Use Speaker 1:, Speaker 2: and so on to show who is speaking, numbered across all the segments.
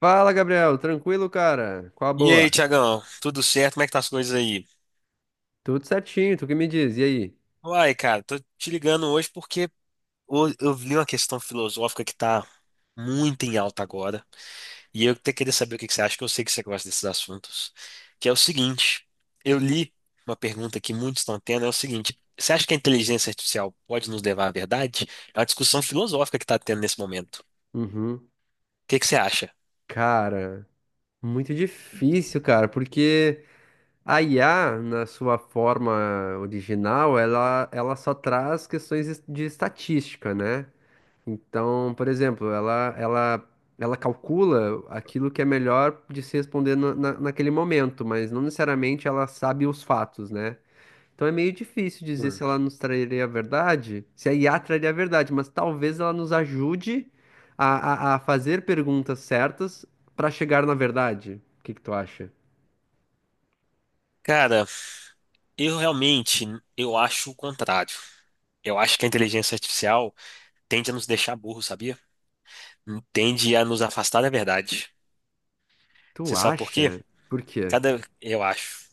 Speaker 1: Fala, Gabriel. Tranquilo, cara? Qual a
Speaker 2: E aí,
Speaker 1: boa?
Speaker 2: Tiagão, tudo certo? Como é que tá as coisas aí?
Speaker 1: Tudo certinho, tu que me diz. E aí?
Speaker 2: Uai, cara, tô te ligando hoje porque eu vi uma questão filosófica que tá muito em alta agora, e eu até queria saber o que que você acha, que eu sei que você gosta desses assuntos, que é o seguinte, eu li uma pergunta que muitos estão tendo, é o seguinte, você acha que a inteligência artificial pode nos levar à verdade? É uma discussão filosófica que tá tendo nesse momento.
Speaker 1: Uhum.
Speaker 2: O que que você acha?
Speaker 1: Cara, muito difícil, cara, porque a IA, na sua forma original, ela só traz questões de estatística, né? Então, por exemplo, ela calcula aquilo que é melhor de se responder naquele momento, mas não necessariamente ela sabe os fatos, né? Então é meio difícil dizer se
Speaker 2: Hum.
Speaker 1: ela nos traria a verdade, se a IA traria a verdade, mas talvez ela nos ajude a fazer perguntas certas para chegar na verdade. O que que tu acha?
Speaker 2: Cara, eu realmente, eu acho o contrário. Eu acho que a inteligência artificial tende a nos deixar burros, sabia? Tende a nos afastar da verdade.
Speaker 1: Tu
Speaker 2: Você sabe por quê?
Speaker 1: acha? Por quê?
Speaker 2: Cada,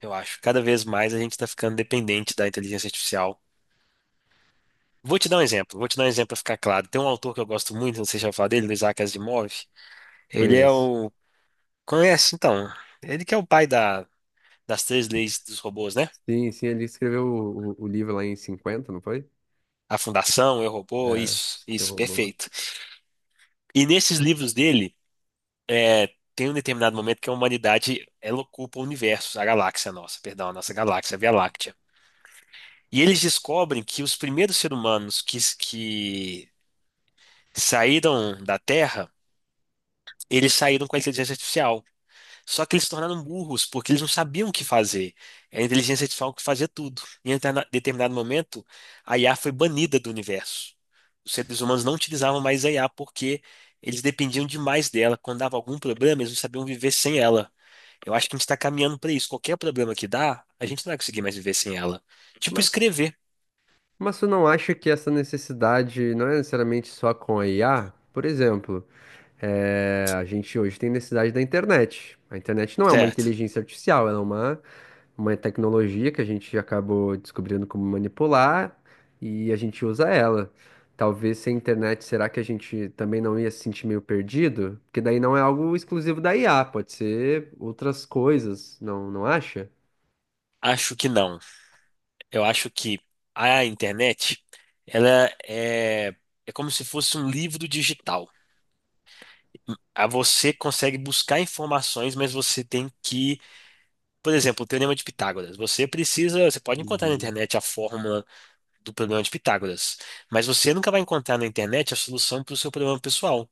Speaker 2: eu acho, cada vez mais a gente está ficando dependente da inteligência artificial. Vou te dar um exemplo, vou te dar um exemplo para ficar claro. Tem um autor que eu gosto muito, não sei se já falou dele, do Isaac Asimov. Ele é
Speaker 1: Conheço.
Speaker 2: o, conhece então, ele que é o pai da, das três leis dos robôs, né?
Speaker 1: Sim, sim, ele escreveu o livro lá em 50, não foi?
Speaker 2: A Fundação, Eu, Robô,
Speaker 1: É,
Speaker 2: isso,
Speaker 1: eu
Speaker 2: isso,
Speaker 1: roubo, né?
Speaker 2: perfeito. E nesses livros dele é, tem um determinado momento que a humanidade ela ocupa o universo, a galáxia nossa, perdão, a nossa galáxia, a Via Láctea. E eles descobrem que os primeiros seres humanos que saíram da Terra, eles saíram com a inteligência artificial. Só que eles se tornaram burros, porque eles não sabiam o que fazer. Era a inteligência artificial que fazia tudo. E em determinado momento, a IA foi banida do universo. Os seres humanos não utilizavam mais a IA porque eles dependiam demais dela. Quando dava algum problema, eles não sabiam viver sem ela. Eu acho que a gente está caminhando para isso. Qualquer problema que dá, a gente não vai conseguir mais viver sem ela. Tipo
Speaker 1: Mas,
Speaker 2: escrever,
Speaker 1: mas tu não acha que essa necessidade não é necessariamente só com a IA? Por exemplo. É, a gente hoje tem necessidade da internet. A internet não é uma
Speaker 2: certo?
Speaker 1: inteligência artificial, ela é uma tecnologia que a gente acabou descobrindo como manipular e a gente usa ela. Talvez sem internet, será que a gente também não ia se sentir meio perdido? Porque daí não é algo exclusivo da IA, pode ser outras coisas, não, não acha?
Speaker 2: Acho que não. Eu acho que a internet, ela é, é como se fosse um livro digital. Aí você consegue buscar informações, mas você tem que, por exemplo, o Teorema de Pitágoras. Você precisa, você pode encontrar na
Speaker 1: Uhum.
Speaker 2: internet a fórmula do problema de Pitágoras, mas você nunca vai encontrar na internet a solução para o seu problema pessoal.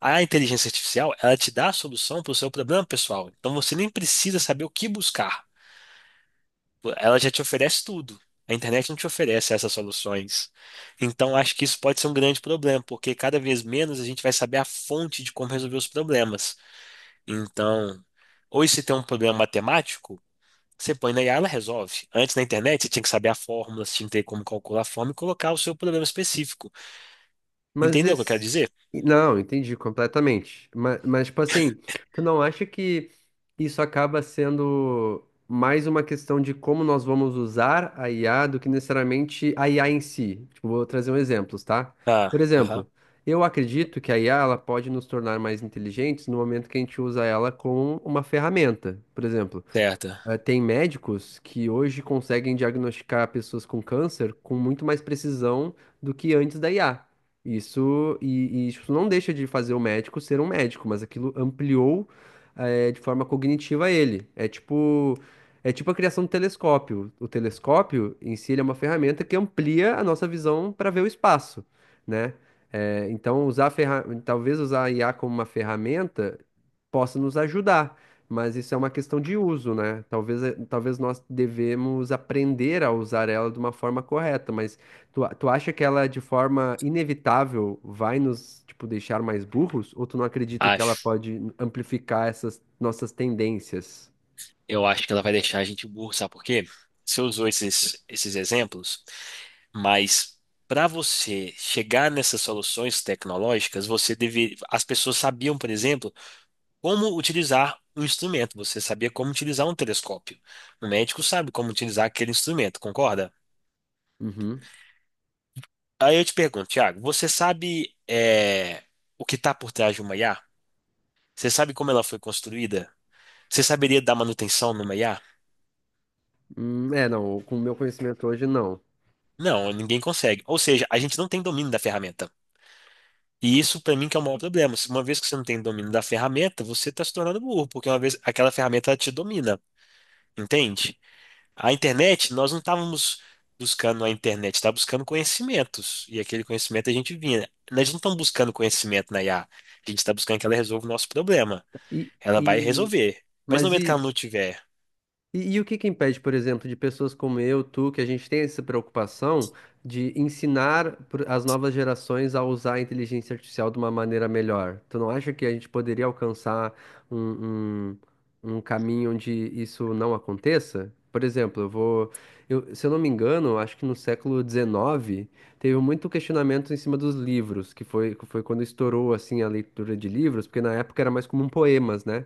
Speaker 2: A inteligência artificial, ela te dá a solução para o seu problema pessoal. Então você nem precisa saber o que buscar. Ela já te oferece tudo. A internet não te oferece essas soluções. Então acho que isso pode ser um grande problema, porque cada vez menos a gente vai saber a fonte de como resolver os problemas. Então, hoje se tem um problema matemático, você põe na IA, ela resolve. Antes na internet você tinha que saber a fórmula, você tinha que ter como calcular a fórmula e colocar o seu problema específico.
Speaker 1: Mas
Speaker 2: Entendeu o que eu quero
Speaker 1: esse.
Speaker 2: dizer?
Speaker 1: Não, entendi completamente. Mas, tipo assim, tu não acha que isso acaba sendo mais uma questão de como nós vamos usar a IA do que necessariamente a IA em si? Tipo, vou trazer um exemplo, tá?
Speaker 2: Ah,
Speaker 1: Por
Speaker 2: aham,
Speaker 1: exemplo, eu acredito que a IA ela pode nos tornar mais inteligentes no momento que a gente usa ela como uma ferramenta. Por exemplo,
Speaker 2: certo.
Speaker 1: tem médicos que hoje conseguem diagnosticar pessoas com câncer com muito mais precisão do que antes da IA. Isso, e isso não deixa de fazer o médico ser um médico, mas aquilo ampliou, de forma cognitiva ele. É tipo a criação do telescópio. O telescópio em si ele é uma ferramenta que amplia a nossa visão para ver o espaço, né? Então usar a talvez usar a IA como uma ferramenta possa nos ajudar, mas isso é uma questão de uso, né? Talvez nós devemos aprender a usar ela de uma forma correta, mas tu acha que ela, de forma inevitável, vai nos, tipo, deixar mais burros? Ou tu não acredita que ela
Speaker 2: Acho.
Speaker 1: pode amplificar essas nossas tendências?
Speaker 2: Eu acho que ela vai deixar a gente burro, sabe por quê? Você usou esses exemplos, mas para você chegar nessas soluções tecnológicas, você deve, as pessoas sabiam, por exemplo, como utilizar um instrumento. Você sabia como utilizar um telescópio. O médico sabe como utilizar aquele instrumento, concorda?
Speaker 1: Uhum.
Speaker 2: Aí eu te pergunto, Thiago, você sabe o que está por trás de uma IA? Você sabe como ela foi construída? Você saberia dar manutenção numa IA?
Speaker 1: É, não, com o meu conhecimento hoje, não.
Speaker 2: Não, ninguém consegue. Ou seja, a gente não tem domínio da ferramenta. E isso, para mim, que é o maior problema. Se uma vez que você não tem domínio da ferramenta, você está se tornando burro, porque uma vez aquela ferramenta ela te domina, entende? A internet, nós não estávamos buscando a internet, estávamos buscando conhecimentos. E aquele conhecimento a gente vinha. Nós não estamos buscando conhecimento na IA. A gente está buscando que ela resolva o nosso problema.
Speaker 1: E,
Speaker 2: Ela vai
Speaker 1: e,
Speaker 2: resolver. Mas no
Speaker 1: mas
Speaker 2: momento que
Speaker 1: e,
Speaker 2: ela não tiver.
Speaker 1: e o que que impede, por exemplo, de pessoas como eu, tu, que a gente tem essa preocupação de ensinar as novas gerações a usar a inteligência artificial de uma maneira melhor? Tu não acha que a gente poderia alcançar um, um caminho onde isso não aconteça? Por exemplo, se eu não me engano, acho que no século XIX teve muito questionamento em cima dos livros, que foi quando estourou assim a leitura de livros, porque na época era mais comum poemas, né?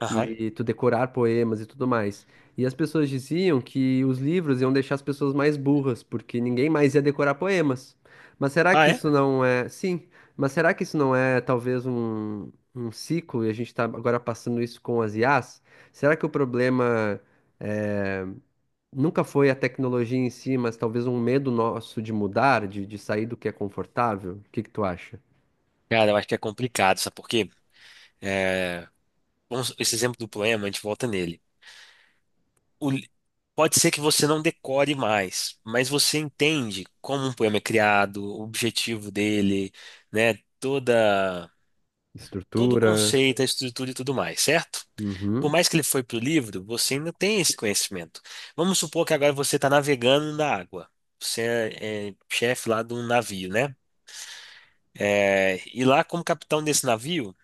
Speaker 2: Aham.
Speaker 1: E tu decorar poemas e tudo mais. E as pessoas diziam que os livros iam deixar as pessoas mais burras, porque ninguém mais ia decorar poemas. Mas será
Speaker 2: Ah,
Speaker 1: que
Speaker 2: é?
Speaker 1: isso não é. Sim, mas será que isso não é talvez um ciclo e a gente está agora passando isso com as IAs? Será que o problema é, nunca foi a tecnologia em si, mas talvez um medo nosso de mudar, de sair do que é confortável? O que que tu acha?
Speaker 2: Cara, eu acho que é complicado, sabe por quê? É, vamos- esse exemplo do poema, a gente volta nele. o li- pode ser que você não decore mais, mas você entende como um poema é criado, o objetivo dele, né? Toda, todo o
Speaker 1: Estrutura.
Speaker 2: conceito, a estrutura e tudo mais, certo? Por
Speaker 1: Uhum.
Speaker 2: mais que ele foi para o livro, você ainda tem esse conhecimento. Vamos supor que agora você está navegando na água. Você é chefe lá de um navio, né? É, e lá, como capitão desse navio,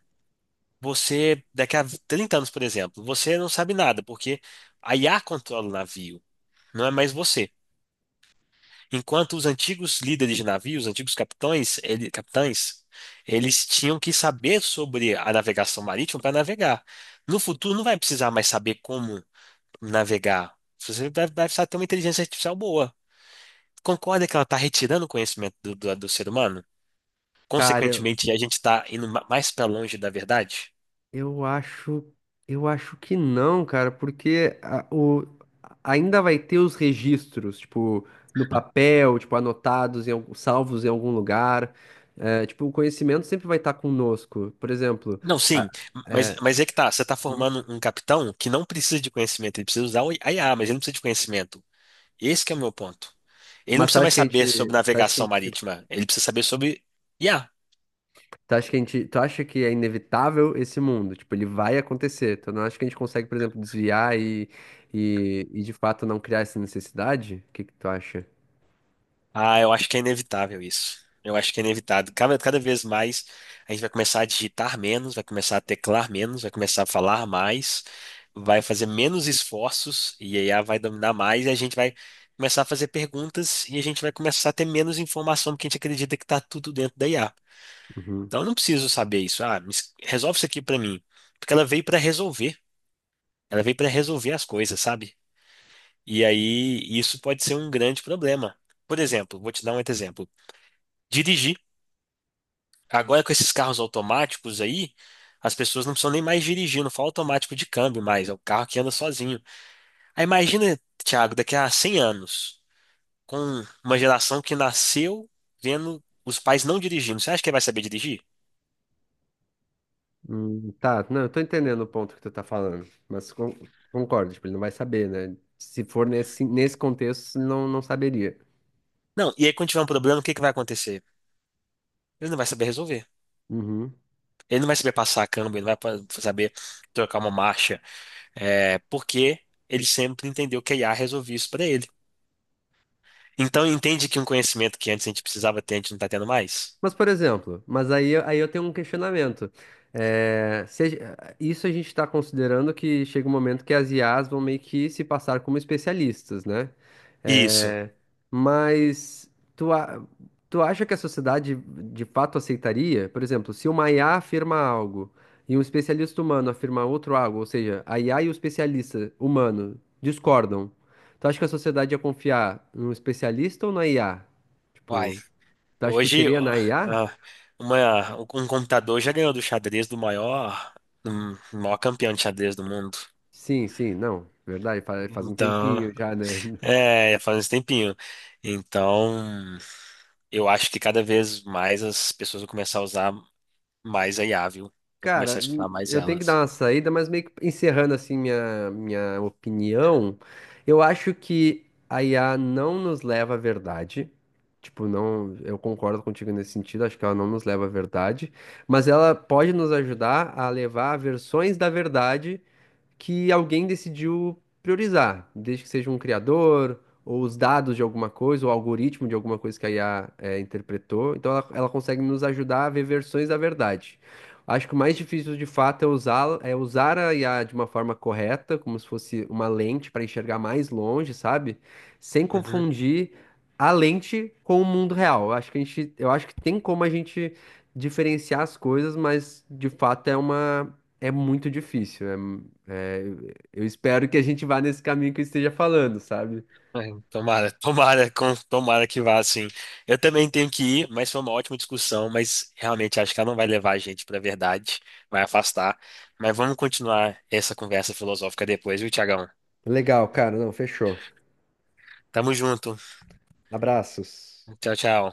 Speaker 2: você, daqui a 30 anos, por exemplo, você não sabe nada, porque a IA controla o navio, não é mais você. Enquanto os antigos líderes de navios, os antigos capitães, capitães, eles tinham que saber sobre a navegação marítima para navegar. No futuro, não vai precisar mais saber como navegar. Você vai, precisar ter uma inteligência artificial boa. Concorda que ela está retirando o conhecimento do ser humano?
Speaker 1: Cara,
Speaker 2: Consequentemente, a gente está indo mais para longe da verdade?
Speaker 1: Eu acho, eu acho que não, cara, porque ainda vai ter os registros, tipo, no papel, tipo, anotados, salvos em algum lugar. É, tipo, o conhecimento sempre vai estar conosco. Por exemplo,
Speaker 2: Não,
Speaker 1: a-
Speaker 2: sim, mas,
Speaker 1: é,
Speaker 2: mas é que tá. Você está
Speaker 1: hum,
Speaker 2: formando um capitão que não precisa de conhecimento, ele precisa usar I a mas ele não precisa de conhecimento. Esse que é o meu ponto. Ele não
Speaker 1: mas
Speaker 2: precisa mais saber sobre navegação marítima, ele precisa saber sobre IA.
Speaker 1: tu acha que é inevitável esse mundo? Tipo, ele vai acontecer. Tu não acha que a gente consegue, por exemplo, desviar e de fato não criar essa necessidade? O que que tu acha?
Speaker 2: Ah, eu acho que é inevitável isso. Eu acho que é inevitável. Cada vez mais a gente vai começar a digitar menos, vai começar a teclar menos, vai começar a falar mais, vai fazer menos esforços e a IA vai dominar mais e a gente vai começar a fazer perguntas e a gente vai começar a ter menos informação porque a gente acredita que está tudo dentro da IA.
Speaker 1: Uhum.
Speaker 2: Então eu não preciso saber isso. Ah, resolve isso aqui para mim. Porque ela veio para resolver. Ela veio para resolver as coisas, sabe? E aí isso pode ser um grande problema. Por exemplo, vou te dar um outro exemplo. Dirigir. Agora com esses carros automáticos aí, as pessoas não precisam nem mais dirigir, não fala automático de câmbio mais, é o carro que anda sozinho. Aí imagina, Thiago, daqui a 100 anos, com uma geração que nasceu vendo os pais não dirigindo. Você acha que ele vai saber dirigir?
Speaker 1: Tá, não, eu tô entendendo o ponto que tu tá falando, mas concordo, tipo, ele não vai saber, né? Se for nesse contexto, não, não saberia.
Speaker 2: Não. E aí quando tiver um problema, o que que vai acontecer? Ele não vai saber resolver.
Speaker 1: Uhum.
Speaker 2: Ele não vai saber passar a câmbio, ele não vai saber trocar uma marcha. É, porque ele sempre entendeu que a IA resolvia isso para ele. Então entende que um conhecimento que antes a gente precisava ter, a gente não está tendo mais?
Speaker 1: Mas, por exemplo, mas aí, aí eu tenho um questionamento. É, se a ge- isso a gente está considerando que chega um momento que as IAs vão meio que se passar como especialistas, né?
Speaker 2: Isso.
Speaker 1: É, mas tu, a- tu acha que a sociedade de fato aceitaria? Por exemplo, se uma IA afirma algo e um especialista humano afirma outro algo, ou seja, a IA e o especialista humano discordam, tu acha que a sociedade ia confiar no especialista ou na IA?
Speaker 2: Uai.
Speaker 1: Tipo, tu acha que
Speaker 2: Hoje,
Speaker 1: seria
Speaker 2: ó,
Speaker 1: na IA?
Speaker 2: ah, um computador já ganhou do xadrez do maior campeão de xadrez do mundo.
Speaker 1: Sim, sim, não, verdade, faz um
Speaker 2: Então,
Speaker 1: tempinho já, né?
Speaker 2: é, já faz um tempinho. Então, eu acho que cada vez mais as pessoas vão começar a usar mais a IA, viu? Vão começar
Speaker 1: Cara,
Speaker 2: a escutar mais
Speaker 1: eu tenho que dar
Speaker 2: elas.
Speaker 1: uma saída, mas meio que encerrando assim minha opinião, eu acho que a IA não nos leva à verdade. Tipo, não, eu concordo contigo nesse sentido, acho que ela não nos leva à verdade, mas ela pode nos ajudar a levar a versões da verdade que alguém decidiu priorizar, desde que seja um criador, ou os dados de alguma coisa, ou o algoritmo de alguma coisa que a IA interpretou. Então ela consegue nos ajudar a ver versões da verdade. Acho que o mais difícil de fato é usá-la, é usar a IA de uma forma correta, como se fosse uma lente para enxergar mais longe, sabe? Sem
Speaker 2: Uhum.
Speaker 1: confundir a lente com o mundo real. Eu acho que tem como a gente diferenciar as coisas, mas de fato é muito difícil. É, eu espero que a gente vá nesse caminho que eu esteja falando, sabe?
Speaker 2: Ai, tomara, tomara, tomara que vá assim. Eu também tenho que ir, mas foi uma ótima discussão, mas realmente acho que ela não vai levar a gente para a verdade, vai afastar. Mas vamos continuar essa conversa filosófica depois, viu, Tiagão?
Speaker 1: Legal, cara. Não, fechou.
Speaker 2: Tamo junto.
Speaker 1: Abraços.
Speaker 2: Tchau, tchau.